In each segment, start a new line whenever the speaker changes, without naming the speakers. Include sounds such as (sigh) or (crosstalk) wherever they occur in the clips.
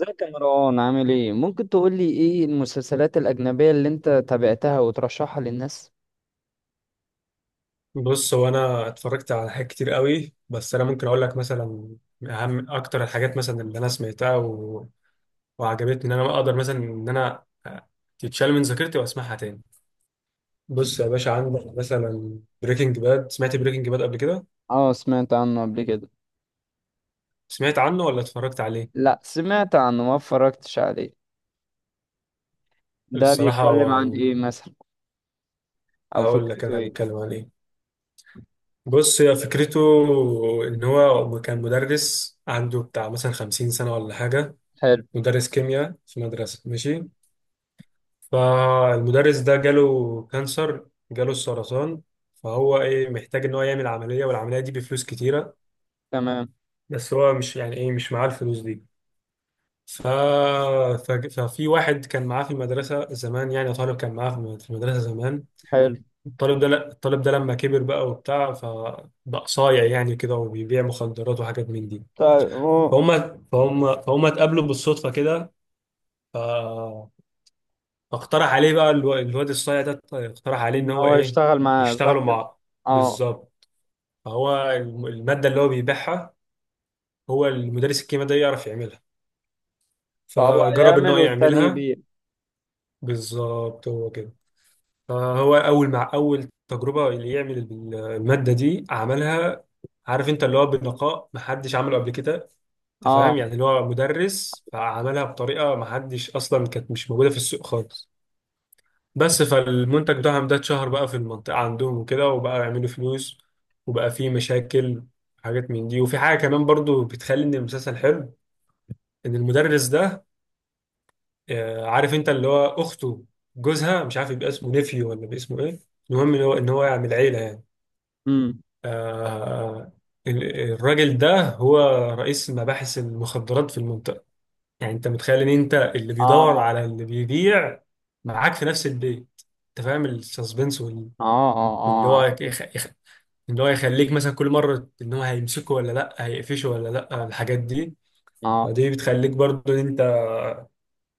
ازيك يا مروان؟ عامل ايه؟ ممكن تقول لي ايه المسلسلات الاجنبيه اللي انت تابعتها وترشحها للناس؟
بص هو انا اتفرجت على حاجات كتير قوي، بس انا ممكن اقول لك مثلا اهم اكتر الحاجات مثلا اللي انا سمعتها وعجبتني، ان انا اقدر مثلا ان انا تتشال من ذاكرتي واسمعها تاني. بص يا باشا، عندك مثلا بريكنج باد. سمعت بريكنج باد قبل كده؟
اه، سمعت عنه قبل كده.
سمعت عنه ولا اتفرجت عليه؟
لا، سمعت عنه ما اتفرجتش عليه. ده
الصراحه
بيتكلم عن ايه مثلا؟ او
هقول لك
فكرته
انا
ايه؟
بتكلم عن ايه. بص، هي فكرته ان هو كان مدرس عنده بتاع مثلا 50 سنه ولا حاجه،
حلو.
مدرس كيمياء في مدرسه، ماشي. فالمدرس ده جاله كانسر، جاله السرطان، فهو ايه، محتاج ان هو يعمل عملية، والعملية دي بفلوس كتيرة.
تمام.
بس هو مش، يعني ايه، مش معاه الفلوس دي. ف... ف... ففي واحد كان معاه في المدرسة زمان، يعني طالب كان معاه في المدرسة زمان.
حلو.
الطالب ده، لا، الطالب ده لما كبر بقى وبتاع، فبقى صايع يعني كده، وبيبيع مخدرات وحاجات من دي.
طيب. هو
فهم اتقابلوا بالصدفة كده، فاقترح عليه بقى الواد الصايع ده، اقترح عليه ان
ان
هو
هو
ايه،
يشتغل معاه، صح
يشتغلوا
كده؟
مع.
اه.
بالظبط. فهو الماده اللي هو بيبيعها، هو المدرس الكيمياء ده يعرف يعملها،
فهو
فجرب ان هو
يعمل والتاني
يعملها.
يبيع.
بالظبط، هو كده. فهو اول مع اول تجربه اللي يعمل الماده دي عملها. عارف انت، اللي هو بنقاء محدش عمله قبل كده. انت فاهم
اه.
يعني، اللي هو مدرس فعملها بطريقه محدش، اصلا كانت مش موجوده في السوق خالص. بس فالمنتج بتاعهم ده اتشهر بقى في المنطقة عندهم وكده، وبقى يعملوا فلوس، وبقى فيه مشاكل حاجات من دي. وفي حاجة كمان برضو بتخلي ان المسلسل حلو، ان المدرس ده، عارف انت، اللي هو اخته جوزها، مش عارف يبقى اسمه نيفيو ولا باسمه ايه، المهم ان هو يعمل عيلة يعني.
امم
آه، ال- الراجل ده هو رئيس مباحث المخدرات في المنطقة. يعني انت متخيل ان انت اللي بيدور
اه.
على اللي بيبيع معاك في نفس البيت. انت فاهم السسبنس،
اه.
اللي
اه. اه.
هو اللي هو يخليك مثلا كل مرة ان هو هيمسكه ولا لا، هيقفشه ولا لا، الحاجات دي.
اه.
فدي بتخليك برضه ان انت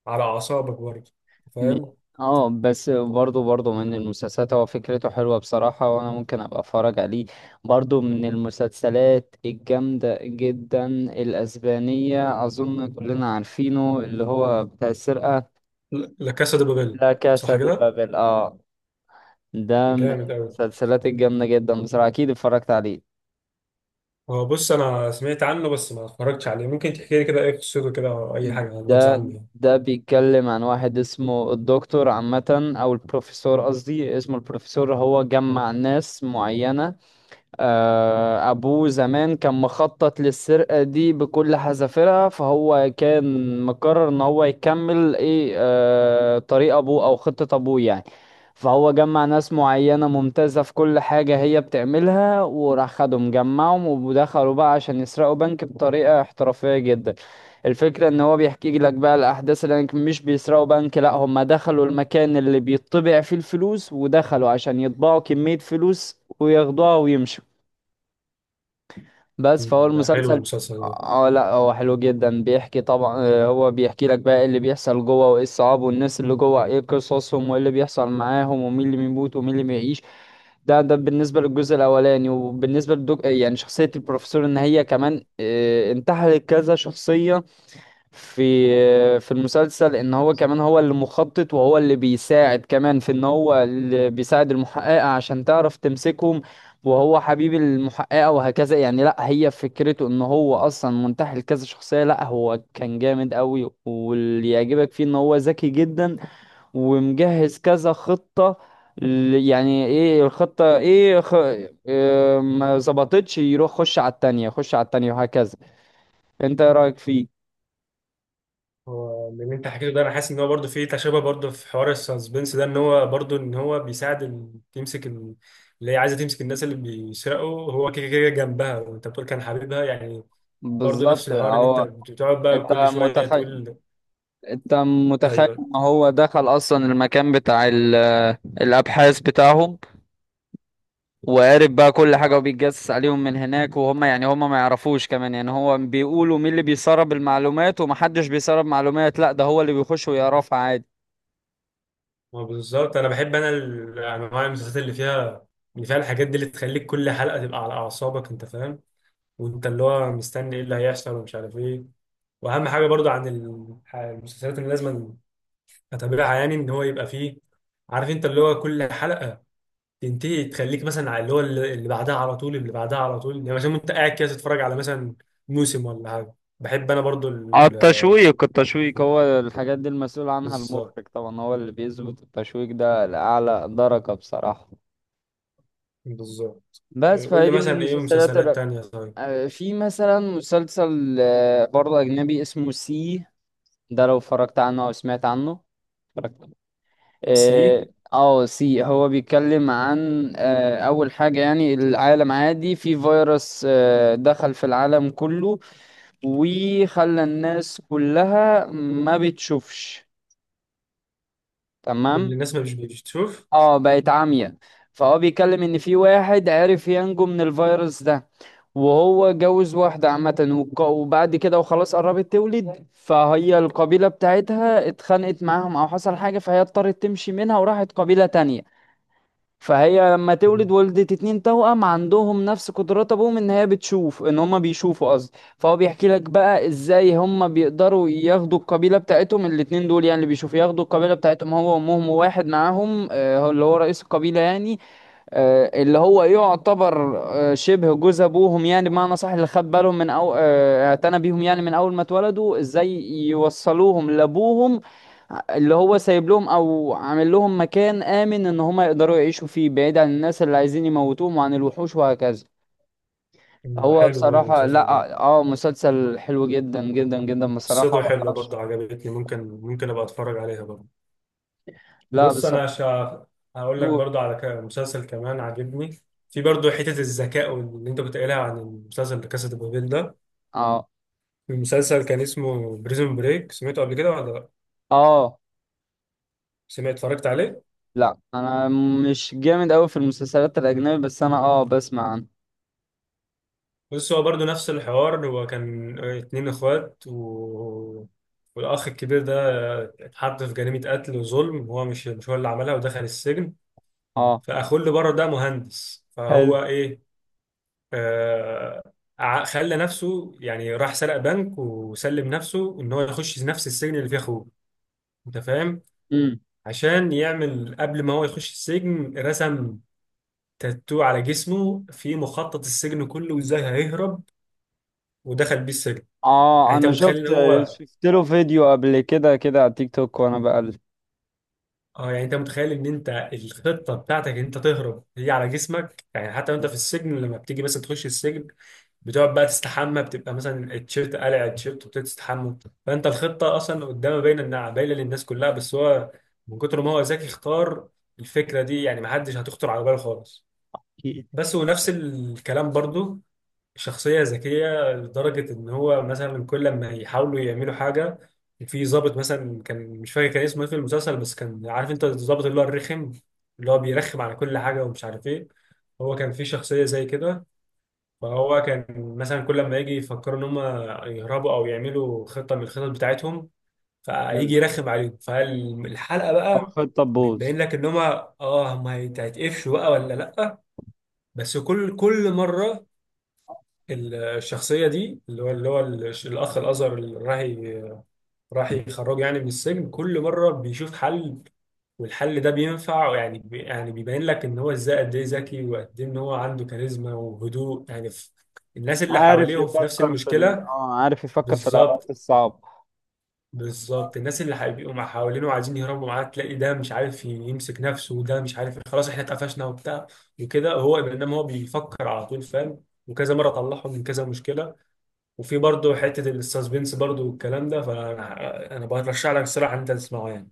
على اعصابك برضه،
م-
فاهم.
اه. بس، برضو من المسلسلات، هو فكرته حلوة بصراحة، وانا ممكن ابقى اتفرج عليه. برضو من المسلسلات الجامدة جدا الاسبانية، اظن كلنا عارفينه، اللي هو بتاع السرقة.
لا لا، كاسا دي بابيل.
لا، كاسا
صح
دي
كده،
بابل، اه. ده من
جامد قوي.
المسلسلات الجامدة جدا بصراحة. اكيد اتفرجت عليه.
هو بص، انا سمعت عنه بس ما اتفرجتش عليه. ممكن تحكي لي كده ايه قصته كده، او اي حاجة، نبذة
ده
عنه يعني.
ده بيتكلم عن واحد اسمه الدكتور عامة، او البروفيسور قصدي، اسمه البروفيسور. هو جمع ناس معينة. أبوه زمان كان مخطط للسرقة دي بكل حذافيرها، فهو كان مقرر إن هو يكمل إيه، طريق أبوه أو خطة أبوه يعني. فهو جمع ناس معينة ممتازة في كل حاجة هي بتعملها، وراح خدهم جمعهم، ودخلوا بقى عشان يسرقوا بنك بطريقة احترافية جدا. الفكرة ان هو بيحكي لك بقى الاحداث اللي هناك، مش بيسرقوا بنك، لا هم دخلوا المكان اللي بيطبع فيه الفلوس، ودخلوا عشان يطبعوا كمية فلوس وياخدوها ويمشوا. بس فهو
ده حلو
المسلسل.
المسلسل ده.
اه، لا هو حلو جدا. بيحكي طبعا، هو بيحكي لك بقى ايه اللي بيحصل جوه، وايه الصعاب، والناس اللي جوه ايه قصصهم، وايه اللي بيحصل معاهم، ومين اللي بيموت ومين اللي بيعيش. ده بالنسبة للجزء الاولاني. وبالنسبة يعني شخصية البروفيسور ان هي كمان انتحلت كذا شخصية. في في المسلسل ان هو كمان، هو اللي مخطط، وهو اللي بيساعد كمان في ان هو اللي بيساعد المحققة عشان تعرف تمسكهم. وهو حبيب المحققة وهكذا يعني. لا، هي فكرته ان هو اصلا منتحل كذا شخصية. لا، هو كان جامد قوي. واللي يعجبك فيه ان هو ذكي جدا ومجهز كذا خطة. يعني ايه الخطة؟ إيه ما ظبطتش، يروح خش على التانية، خش على التانية، وهكذا. انت ايه رأيك فيه؟
هو من اللي انت حكيته ده، انا حاسس ان هو برضه فيه تشابه، برضه في حوار السسبنس ده. ان هو برضه ان هو بيساعد تمسك اللي هي عايزه تمسك الناس اللي بيسرقوا، هو كده كده جنبها، وانت بتقول كان حبيبها يعني. برضه نفس
بالظبط
الحوار، ان انت
هو.
بتقعد بقى
انت
كل شويه
متخيل
تقول
انت متخيل
ايوه.
ان هو دخل اصلا المكان بتاع ال... آه، الابحاث بتاعهم، وقارب بقى كل حاجه وبيتجسس عليهم من هناك. وهم يعني هم ما يعرفوش كمان. يعني هو بيقولوا مين اللي بيسرب المعلومات، ومحدش بيسرب معلومات، لا ده هو اللي بيخش ويعرفها عادي.
ما بالظبط، انا بحب انا انواع المسلسلات اللي فيها، اللي فيها الحاجات دي، اللي تخليك كل حلقه تبقى على اعصابك، انت فاهم. وانت اللي هو مستني ايه اللي هيحصل ومش عارف ايه. واهم حاجه برضو عن المسلسلات اللي لازم اتابعها، يعني ان هو يبقى فيه، عارف انت، اللي هو كل حلقه تنتهي تخليك مثلا على اللي هو اللي بعدها على طول، اللي بعدها على طول. يعني مثلا انت قاعد كده تتفرج على مثلا موسم ولا حاجه. بحب انا برضو
اه، التشويق التشويق هو الحاجات دي المسؤول عنها
بالظبط.
المخرج طبعا. هو اللي بيظبط التشويق ده لأعلى درجة بصراحة.
بالظبط.
بس
إيه، قول
فهي
لي
دي من
مثلا ايه
المسلسلات.
مسلسلات تانية طيب.
في مثلا مسلسل برضه أجنبي اسمه سي. ده لو اتفرجت عنه أو سمعت عنه؟ اتفرجت عليه.
سي.
اه. سي هو بيتكلم عن أول حاجة يعني العالم عادي، في فيروس دخل في العالم كله، وخلى الناس كلها ما بتشوفش.
كل
تمام.
الناس ما مش بتشوف.
اه، بقت عامية. فهو بيتكلم ان في واحد عرف ينجو من الفيروس ده، وهو جوز واحدة عامة، وبعد كده وخلاص قربت تولد، فهي القبيلة بتاعتها اتخانقت معاهم او حصل حاجة، فهي اضطرت تمشي منها وراحت قبيلة تانية. فهي لما تولد
مم.
ولدت 2 توأم، عندهم نفس قدرات ابوهم، ان هي بتشوف، ان هما بيشوفوا قصدي. فهو بيحكي لك بقى ازاي هما بيقدروا ياخدوا القبيلة بتاعتهم الاتنين دول، يعني اللي بيشوفوا ياخدوا القبيلة بتاعتهم هو وامهم، وواحد معاهم هو اللي هو رئيس القبيلة يعني. اللي هو يعتبر شبه جوز ابوهم يعني بمعنى صح، اللي خد بالهم من، او اعتنى بيهم يعني من اول ما اتولدوا، ازاي يوصلوهم لابوهم اللي هو سايب لهم او عامل لهم مكان امن ان هم يقدروا يعيشوا فيه، بعيد عن الناس اللي عايزين يموتوهم وعن الوحوش وهكذا.
ده
هو
حلو برضه
بصراحة،
المسلسل ده،
لا، اه مسلسل حلو جدا جدا جدا بصراحة
قصته حلوه برضه، عجبتني، ممكن ممكن ابقى اتفرج عليها برضه.
لا
بص انا
بصراحة.
شا... هقول لك
نور.
برضو على مسلسل كمان عاجبني، في برضو حتة الذكاء، واللي انت كنت قايلها عن المسلسل ده كاسا دي بابيل ده.
اه.
المسلسل كان اسمه بريزون بريك. سمعته قبل كده ولا لا؟
اه.
سمعت، اتفرجت عليه.
لا، انا مش جامد قوي في المسلسلات الاجنبي، بس انا بسمع عنه.
بص هو برضو نفس الحوار، هو كان اتنين اخوات والاخ الكبير ده اتحط في جريمة قتل وظلم، هو مش هو اللي عملها، ودخل السجن.
اه.
فاخوه اللي بره ده مهندس،
حلو.
فهو ايه، آه، خلى نفسه يعني، راح سرق بنك وسلم نفسه، ان هو يخش نفس السجن اللي فيه اخوه. انت فاهم؟
امم
عشان يعمل قبل ما هو يخش السجن، رسم تاتو على جسمه في مخطط السجن كله وازاي هيهرب، ودخل بيه السجن.
اه.
يعني انت
انا
متخيل
شفت
ان هو،
شفت له فيديو قبل كده على تيك توك وانا بقلب.
اه، يعني انت متخيل ان انت الخطه بتاعتك ان انت تهرب هي على جسمك يعني، حتى وانت في السجن لما بتيجي مثلا تخش السجن بتقعد بقى تستحمى، بتبقى مثلا التيشيرت قلع التيشيرت وبتبتدي تستحمى. فانت الخطه اصلا قدامها باينه، انها باينه للناس كلها، بس هو من كتر ما هو ذكي اختار الفكره دي، يعني ما حدش هتخطر على باله خالص.
(laughs)
بس ونفس الكلام برضو، شخصية ذكية لدرجة إن هو مثلا كل لما يحاولوا يعملوا حاجة. في ضابط مثلا، كان مش فاكر كان اسمه إيه في المسلسل، بس كان عارف أنت، الضابط اللي هو الرخم، اللي هو بيرخم على كل حاجة ومش عارف إيه. هو كان في شخصية زي كده. فهو كان مثلا كل لما يجي يفكروا إن هم يهربوا أو يعملوا خطة من الخطط بتاعتهم،
حلو.
فيجي يرخم عليهم. فالحلقة بقى
خد طبوز.
بتبين لك إن هم، آه، هم هيتقفشوا بقى ولا لأ. بس كل مرة الشخصية دي، اللي هو اللي هو الأخ الأزهر، اللي راح يخرجه يعني من السجن، كل مرة بيشوف حل، والحل ده بينفع يعني، بي يعني بيبين لك إن هو إزاي قد إيه ذكي، وقد إيه إن هو عنده كاريزما وهدوء، يعني في الناس اللي حواليه في نفس المشكلة.
عارف يفكر في الأوقات
بالظبط.
الصعبة.
بالظبط. الناس اللي هيبقوا مع حوالينه وعايزين يهربوا معاه، تلاقي ده مش عارف يمسك نفسه، وده مش عارف خلاص إحنا اتقفشنا وبتاع وكده، هو إنما هو بيفكر على طول فاهم، وكذا مرة طلعهم من كذا مشكلة. وفي برضه حتة السسبنس برضه والكلام ده. فأنا برشح لك الصراحة إن أنت تسمعه يعني.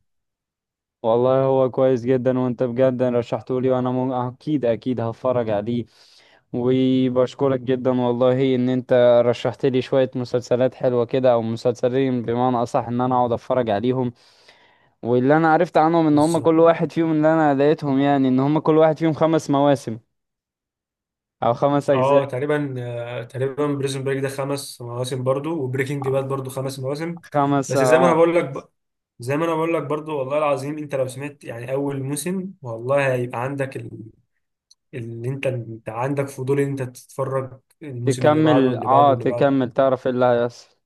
والله هو كويس جدا، وانت بجد رشحته لي، وانا اكيد اكيد هتفرج عليه. وبشكرك جدا والله ان انت رشحت لي شوية مسلسلات حلوة كده، او مسلسلين بمعنى اصح، ان انا اقعد اتفرج عليهم. واللي انا عرفت عنهم ان هم
بالظبط.
كل واحد فيهم، اللي انا لقيتهم يعني ان هم كل واحد فيهم 5 مواسم، او 5 اجزاء.
اه تقريبا، تقريبا بريزون بريك ده 5 مواسم برضه، وبريكنج باد برضه 5 مواسم.
5،
بس زي ما أنا
اه.
بقول لك زي ما أنا بقول لك برضه، والله العظيم أنت لو سمعت يعني أول موسم، والله هيبقى عندك اللي أنت عندك فضول إن أنت تتفرج الموسم اللي بعده، واللي بعده، واللي بعده.
تكمل، تعرف ايه اللي هيحصل.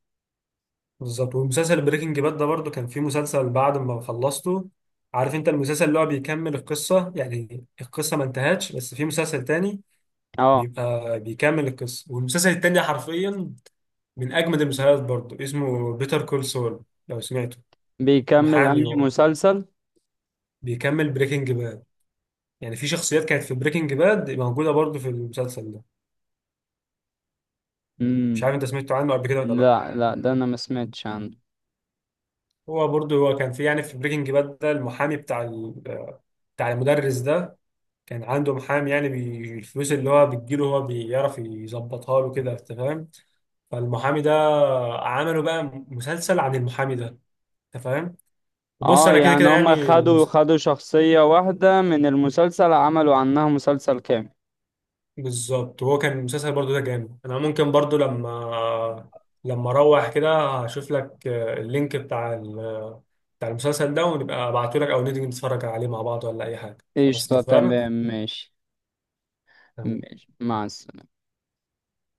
بالظبط. ومسلسل بريكنج باد ده برضه كان فيه مسلسل بعد ما خلصته، عارف انت، المسلسل اللي هو بيكمل القصة، يعني القصة ما انتهتش، بس في مسلسل تاني
اه.
بيبقى بيكمل القصة. والمسلسل التاني حرفيا من أجمد المسلسلات برضه، اسمه بيتر كول سول، لو سمعته.
بيكمل
محامي
انهي
و-
مسلسل؟
بيكمل بريكنج باد، يعني في شخصيات كانت في بريكنج باد موجودة برضه في المسلسل ده. مش
امم
عارف انت سمعته عنه قبل كده ولا لا.
لا لا، ده انا ما سمعتش عنه.
هو برضه، هو كان في يعني في بريكنج باد ده المحامي بتاع المدرس ده، كان عنده محامي، يعني الفلوس اللي هو بتجيله هو بيعرف يظبطها له كده، انت فاهم. فالمحامي ده عملوا بقى مسلسل عن المحامي ده، انت فاهم. بص
اه.
انا كده
يعني
كده
هما
يعني
خدوا خدوا شخصية واحدة من المسلسل، عملوا عنها مسلسل كامل.
بالظبط، هو كان المسلسل برضو ده جامد. انا ممكن برضو لما اروح كده هشوف لك، اللينك بتاع المسلسل ده، ونبقى ابعته لك او نيجي نتفرج عليه مع بعض ولا اي حاجه. خلاص،
قشطة.
اتفقنا.
تمام. ماشي. ماشي، مع السلامة.